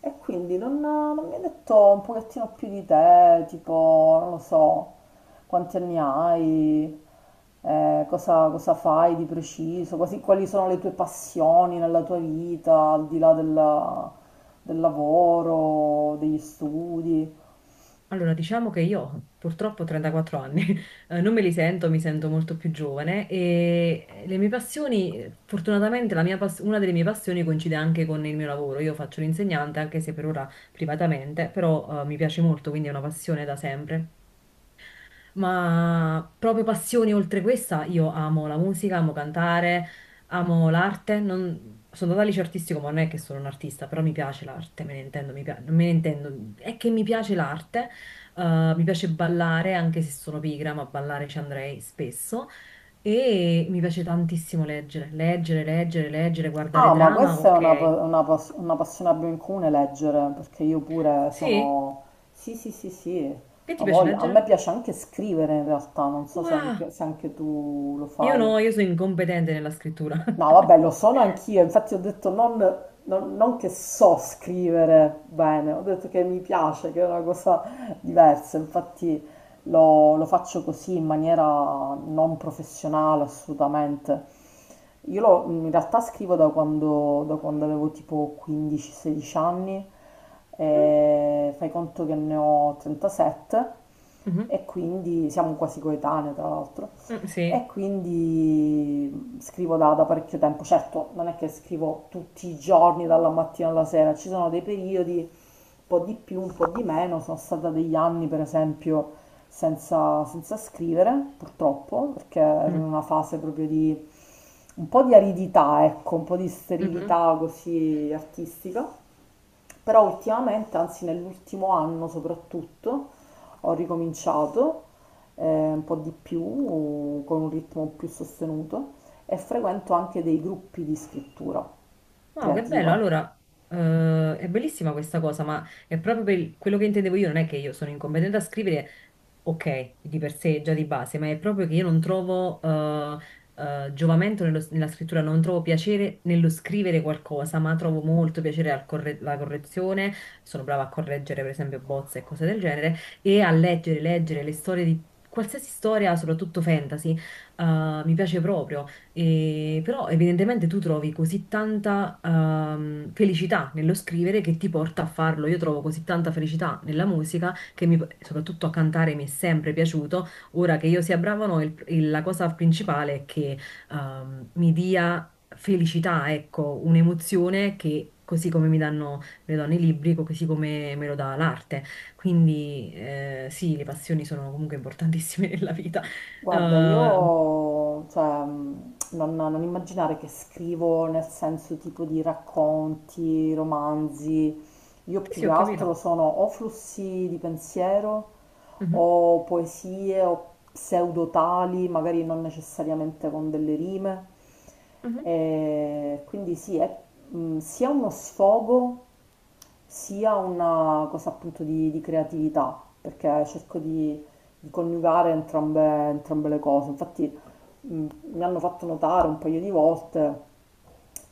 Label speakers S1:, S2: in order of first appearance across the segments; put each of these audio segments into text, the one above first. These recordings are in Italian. S1: E quindi non mi hai detto un pochettino più di te, tipo, non lo so, quanti anni hai, cosa fai di preciso, quali sono le tue passioni nella tua vita, al di là del lavoro, degli studi.
S2: Allora, diciamo che io purtroppo ho 34 anni, non me li sento, mi sento molto più giovane e le mie passioni, fortunatamente una delle mie passioni coincide anche con il mio lavoro. Io faccio l'insegnante, anche se per ora privatamente, però mi piace molto, quindi è una passione da sempre, ma proprio passioni oltre questa, io amo la musica, amo cantare, amo l'arte. Sono andata al liceo artistico, ma non è che sono un artista, però mi piace l'arte, me ne intendo, me ne intendo. È che mi piace l'arte, mi piace ballare, anche se sono pigra, ma ballare ci andrei spesso. E mi piace tantissimo leggere, leggere, leggere, leggere, guardare
S1: Ah, ma
S2: drama,
S1: questa è una, pa-
S2: ok.
S1: una pas- una passione che abbiamo in comune, leggere, perché io pure
S2: Sì?
S1: sono... Sì, sì, sì, sì,
S2: Che ti
S1: ho
S2: piace
S1: voglia. A me
S2: leggere?
S1: piace anche scrivere in realtà, non so se
S2: Wow!
S1: anche se anche tu lo
S2: Io
S1: fai.
S2: no, io sono incompetente nella scrittura.
S1: No, vabbè, lo sono anch'io, infatti ho detto non che so scrivere bene, ho detto che mi piace, che è una cosa diversa, infatti lo faccio così in maniera non professionale assolutamente. In realtà scrivo da quando avevo tipo 15-16 anni,
S2: Mm,
S1: e fai conto che ne ho 37,
S2: mhm,
S1: e quindi siamo quasi coetanee tra l'altro.
S2: mm,
S1: E
S2: sì.
S1: quindi scrivo da parecchio tempo, certo non è che scrivo tutti i giorni dalla mattina alla sera, ci sono dei periodi, un po' di più, un po' di meno, sono stata degli anni per esempio senza scrivere purtroppo, perché ero in
S2: Mm,
S1: una fase proprio di un po' di aridità, ecco, un po' di
S2: mhm.
S1: sterilità così artistica. Però ultimamente, anzi nell'ultimo anno soprattutto, ho ricominciato eh, un po' di più, con un ritmo più sostenuto, e frequento anche dei gruppi di scrittura
S2: Wow, che bello.
S1: creativa.
S2: Allora, è bellissima questa cosa, ma è proprio quello che intendevo io, non è che io sono incompetente a scrivere, ok, di per sé già di base, ma è proprio che io non trovo giovamento nella scrittura, non trovo piacere nello scrivere qualcosa, ma trovo molto piacere alla correzione. Sono brava a correggere, per esempio, bozze e cose del genere, e a leggere, leggere le storie di qualsiasi storia, soprattutto fantasy, mi piace proprio. E però evidentemente tu trovi così tanta felicità nello scrivere che ti porta a farlo. Io trovo così tanta felicità nella musica soprattutto a cantare mi è sempre piaciuto. Ora che io sia brava o no, la cosa principale è che mi dia felicità, ecco, un'emozione che così come mi danno, me lo danno i libri, così come me lo dà l'arte. Quindi sì, le passioni sono comunque importantissime nella vita.
S1: Guarda,
S2: Eh,
S1: io, cioè, non immaginare che scrivo nel senso tipo di racconti, romanzi, io
S2: sì,
S1: più
S2: sì,
S1: che
S2: ho
S1: altro
S2: capito.
S1: sono o flussi di pensiero,
S2: Mhm.
S1: o poesie, o pseudotali, magari non necessariamente con delle rime.
S2: Mhm,
S1: E quindi sì, è sia uno sfogo, sia una cosa appunto di creatività, perché cerco di coniugare entrambe, entrambe le cose. Infatti mh, mi hanno fatto notare un paio di volte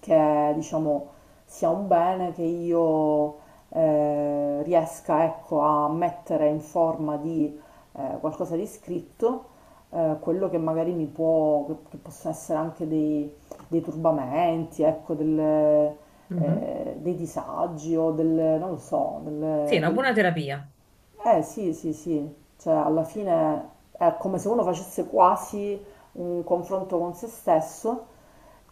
S1: che diciamo sia un bene che io riesca ecco, a mettere in forma di qualcosa di scritto, quello che magari mi può, che possono essere anche dei turbamenti, ecco,
S2: mhm.
S1: dei disagi o non lo so,
S2: Sì, è una buona terapia.
S1: eh sì, sì, sì, cioè alla fine è come se uno facesse quasi un confronto con se stesso,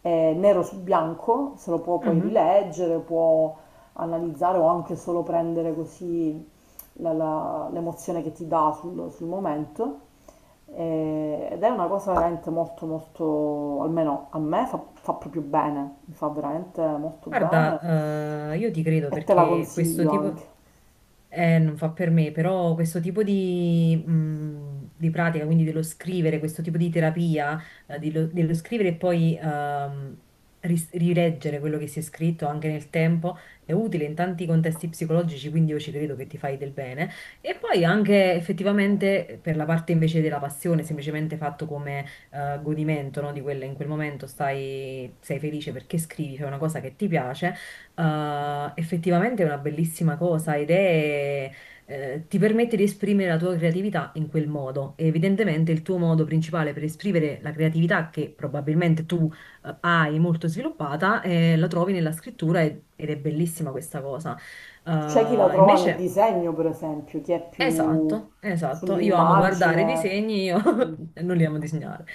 S1: nero su bianco, se lo può poi
S2: Mhm.
S1: rileggere, può analizzare o anche solo prendere così l'emozione che ti dà sul momento. Ed è una cosa veramente molto, molto, almeno a me fa proprio bene, mi fa veramente molto bene,
S2: Guarda, io ti credo
S1: e te la
S2: perché questo
S1: consiglio
S2: tipo...
S1: anche.
S2: Non fa per me, però questo tipo di pratica, quindi dello scrivere, questo tipo di terapia, dello scrivere e poi rileggere quello che si è scritto anche nel tempo, è utile in tanti contesti psicologici, quindi io ci credo che ti fai del bene. E poi anche effettivamente per la parte invece della passione, semplicemente fatto godimento, no, di quella in quel momento stai, sei felice perché scrivi, fai una cosa che ti piace, effettivamente è una bellissima cosa ed è, ti permette di esprimere la tua creatività in quel modo. E evidentemente il tuo modo principale per esprimere la creatività che probabilmente tu hai molto sviluppata, la trovi nella scrittura ed è bellissima questa cosa.
S1: C'è chi la trova nel
S2: Invece...
S1: disegno, per esempio, chi è più
S2: Esatto, esatto. Io amo guardare i
S1: sull'immagine.
S2: disegni, io
S1: Mm.
S2: non li amo disegnare.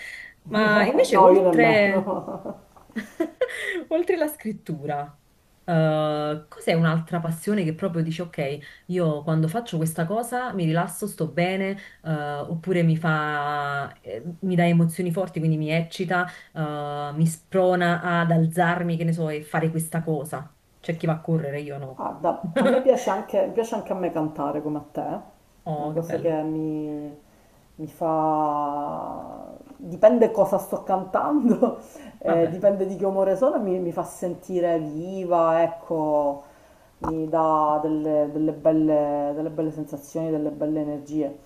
S2: Ma invece,
S1: No, io
S2: oltre,
S1: nemmeno.
S2: oltre la scrittura, cos'è un'altra passione che proprio dici, ok, io quando faccio questa cosa mi rilasso, sto bene, oppure mi fa, mi dà emozioni forti, quindi mi eccita, mi sprona ad alzarmi, che ne so, e fare questa cosa. C'è chi va a correre, io no.
S1: Guarda, a me piace anche a me cantare come a te, è una
S2: Oh, che
S1: cosa
S2: bello.
S1: che mi fa... dipende cosa sto cantando,
S2: Vabbè,
S1: dipende di che umore sono, mi fa sentire viva, ecco, mi dà delle belle sensazioni, delle belle energie.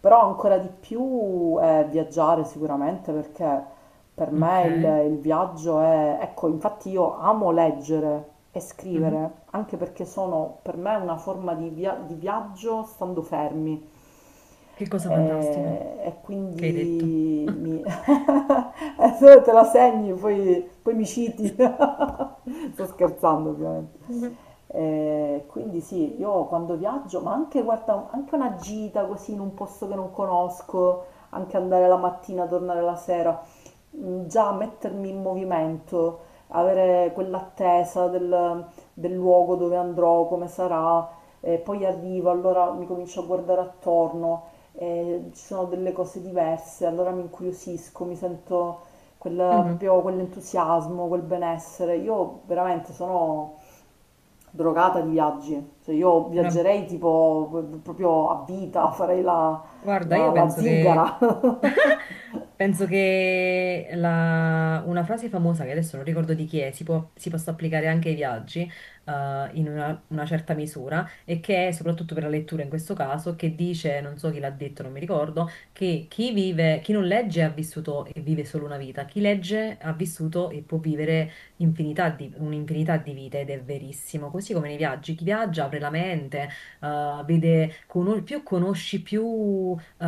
S1: Però ancora di più è viaggiare sicuramente perché per
S2: ok.
S1: me il viaggio è... Ecco, infatti io amo leggere e
S2: Mhm.
S1: scrivere, anche perché sono per me una forma di viaggio stando fermi.
S2: Che cosa fantastica
S1: E
S2: che hai detto.
S1: quindi mi... se te la segni, poi mi citi. Sto scherzando, ovviamente.
S2: Mhm.
S1: Quindi sì, io quando viaggio, ma anche, guarda, anche una gita così in un posto che non conosco, anche andare la mattina, tornare la sera, già mettermi in movimento, avere quell'attesa del luogo dove andrò, come sarà, e poi arrivo, allora mi comincio a guardare attorno, e ci sono delle cose diverse, allora mi incuriosisco, mi sento
S2: Mhm.
S1: proprio quell'entusiasmo, quel benessere. Io veramente sono drogata di viaggi, cioè io
S2: Era...
S1: viaggerei tipo proprio a vita,
S2: Guarda,
S1: la
S2: io
S1: la
S2: penso che,
S1: zingara.
S2: penso che una frase famosa, che adesso non ricordo di chi è, si possa applicare anche ai viaggi, in una certa misura, e che è soprattutto per la lettura in questo caso, che dice, non so chi l'ha detto, non mi ricordo, che chi non legge ha vissuto e vive solo una vita, chi legge ha vissuto e può vivere un'infinità di vite, ed è verissimo. Così come nei viaggi, chi viaggia apre la mente, vede, più conosci, più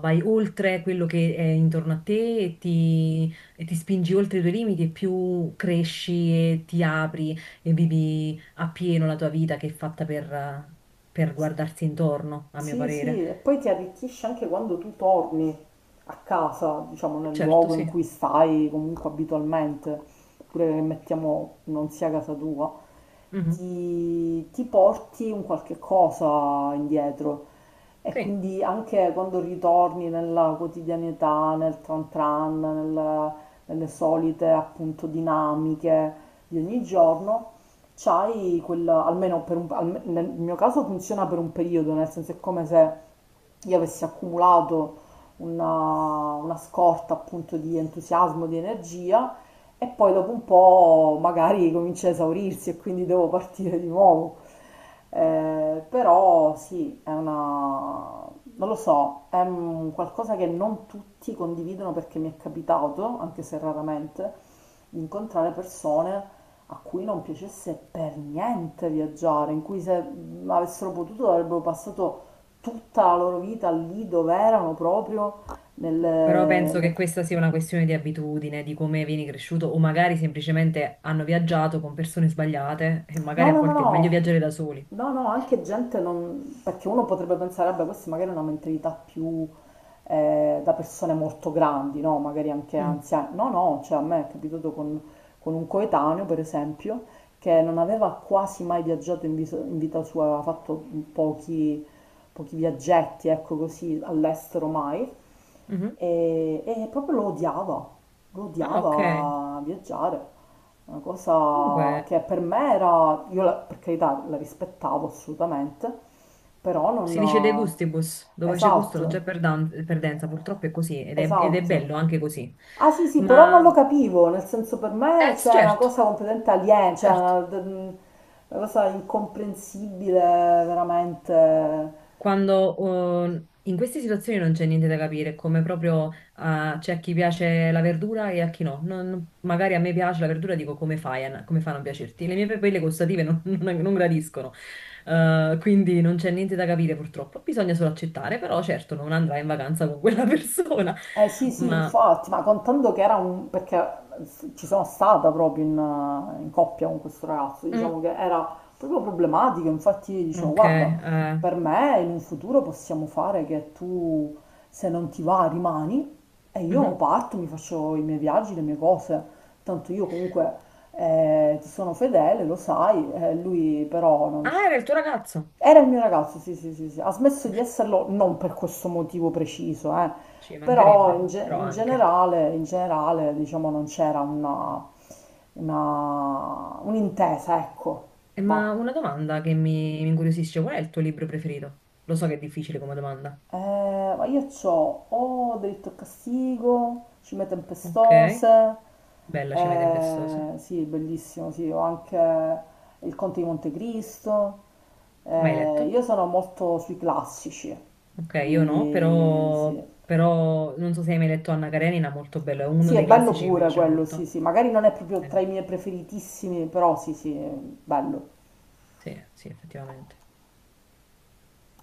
S2: vai oltre quello che è intorno a te e e ti spingi oltre i tuoi limiti e più cresci e ti apri e vivi appieno la tua vita che è fatta per guardarsi intorno, a mio
S1: Sì,
S2: parere.
S1: sì, e poi ti arricchisce anche quando tu torni a casa, diciamo nel
S2: Certo,
S1: luogo in
S2: sì.
S1: cui stai comunque abitualmente, pure che mettiamo non sia casa tua,
S2: Mhm.
S1: ti porti un qualche cosa indietro e
S2: Sì.
S1: quindi anche quando ritorni nella quotidianità, nel tran tran, nelle solite appunto dinamiche di ogni giorno, c'hai quella, almeno per un, alme- nel mio caso funziona per un periodo, nel senso è come se io avessi accumulato una scorta appunto di entusiasmo, di energia e poi dopo un po' magari comincia a esaurirsi e quindi devo partire di nuovo. Però sì, è una... non lo so, è un qualcosa che non tutti condividono perché mi è capitato, anche se raramente, di incontrare persone a cui non piacesse per niente viaggiare, in cui se avessero potuto avrebbero passato tutta la loro vita lì dove erano proprio
S2: Però penso
S1: nel,
S2: che questa sia una questione di abitudine, di come vieni cresciuto, o magari semplicemente hanno viaggiato con persone sbagliate e magari
S1: no,
S2: a
S1: no, no,
S2: volte è meglio
S1: no.
S2: viaggiare da soli.
S1: No, no, anche gente non... perché uno potrebbe pensare, vabbè, questa magari è una mentalità più da persone molto grandi, no? Magari anche
S2: Mm.
S1: anziane. No, no, cioè a me è capitato con un coetaneo, per esempio, che non aveva quasi mai viaggiato in vita sua, aveva fatto pochi, pochi viaggetti, ecco così, all'estero mai,
S2: Mhm.
S1: e proprio lo
S2: Ah, ok.
S1: odiava viaggiare. Una cosa
S2: Comunque,
S1: che per me era, per carità la rispettavo assolutamente, però
S2: si dice de
S1: non...
S2: gustibus, dove c'è gusto non
S1: Esatto,
S2: c'è perdenza, purtroppo è così ed è
S1: esatto.
S2: bello anche così.
S1: Ah sì sì, però non lo
S2: Ma,
S1: capivo, nel senso per me
S2: sì,
S1: c'è una
S2: certo,
S1: cosa completamente aliena, cioè
S2: certo.
S1: una cosa incomprensibile veramente.
S2: Quando, oh, in queste situazioni non c'è niente da capire, è come proprio ah, c'è a chi piace la verdura e a chi no. Magari a me piace la verdura, dico come fai a, come fa a non piacerti? Le mie papille gustative non, non gradiscono. Quindi non c'è niente da capire purtroppo. Bisogna solo accettare, però certo non andrai in vacanza con quella persona,
S1: Eh sì, sì,
S2: ma...
S1: infatti, ma contando che era un... perché ci sono stata proprio in coppia con questo ragazzo,
S2: Mm,
S1: diciamo che era proprio problematico, infatti dicevo,
S2: ok,
S1: guarda, per me in un futuro possiamo fare che se non ti va, rimani e io
S2: mhm.
S1: parto, mi faccio i miei viaggi, le mie cose, tanto io comunque ti sono fedele, lo sai, lui però non,
S2: Ah, era il tuo ragazzo?
S1: era il mio ragazzo, sì, sì, sì, sì. Ha smesso di esserlo non per questo motivo preciso, eh.
S2: Ci
S1: Però
S2: mancherebbe, però anche.
S1: in generale, diciamo, non c'era un'intesa, ecco.
S2: Ma
S1: Va.
S2: una domanda che mi incuriosisce, qual è il tuo libro preferito? Lo so che è difficile come domanda.
S1: Ma io c'ho o diritto a castigo, Cime
S2: Ok,
S1: Tempestose,
S2: bella Cime Tempestose.
S1: sì, bellissimo, sì, ho anche il Conte di Montecristo.
S2: Mai letto?
S1: Io sono molto sui classici,
S2: Ok, io no,
S1: quindi sì.
S2: però, però non so se hai mai letto Anna Karenina, molto bello, è uno
S1: Sì, è
S2: dei
S1: bello
S2: classici che mi
S1: pure
S2: piace
S1: quello, sì,
S2: molto.
S1: sì. Magari non è proprio tra
S2: Eh,
S1: i miei preferitissimi, però sì, sì, è bello.
S2: sì, sì, effettivamente.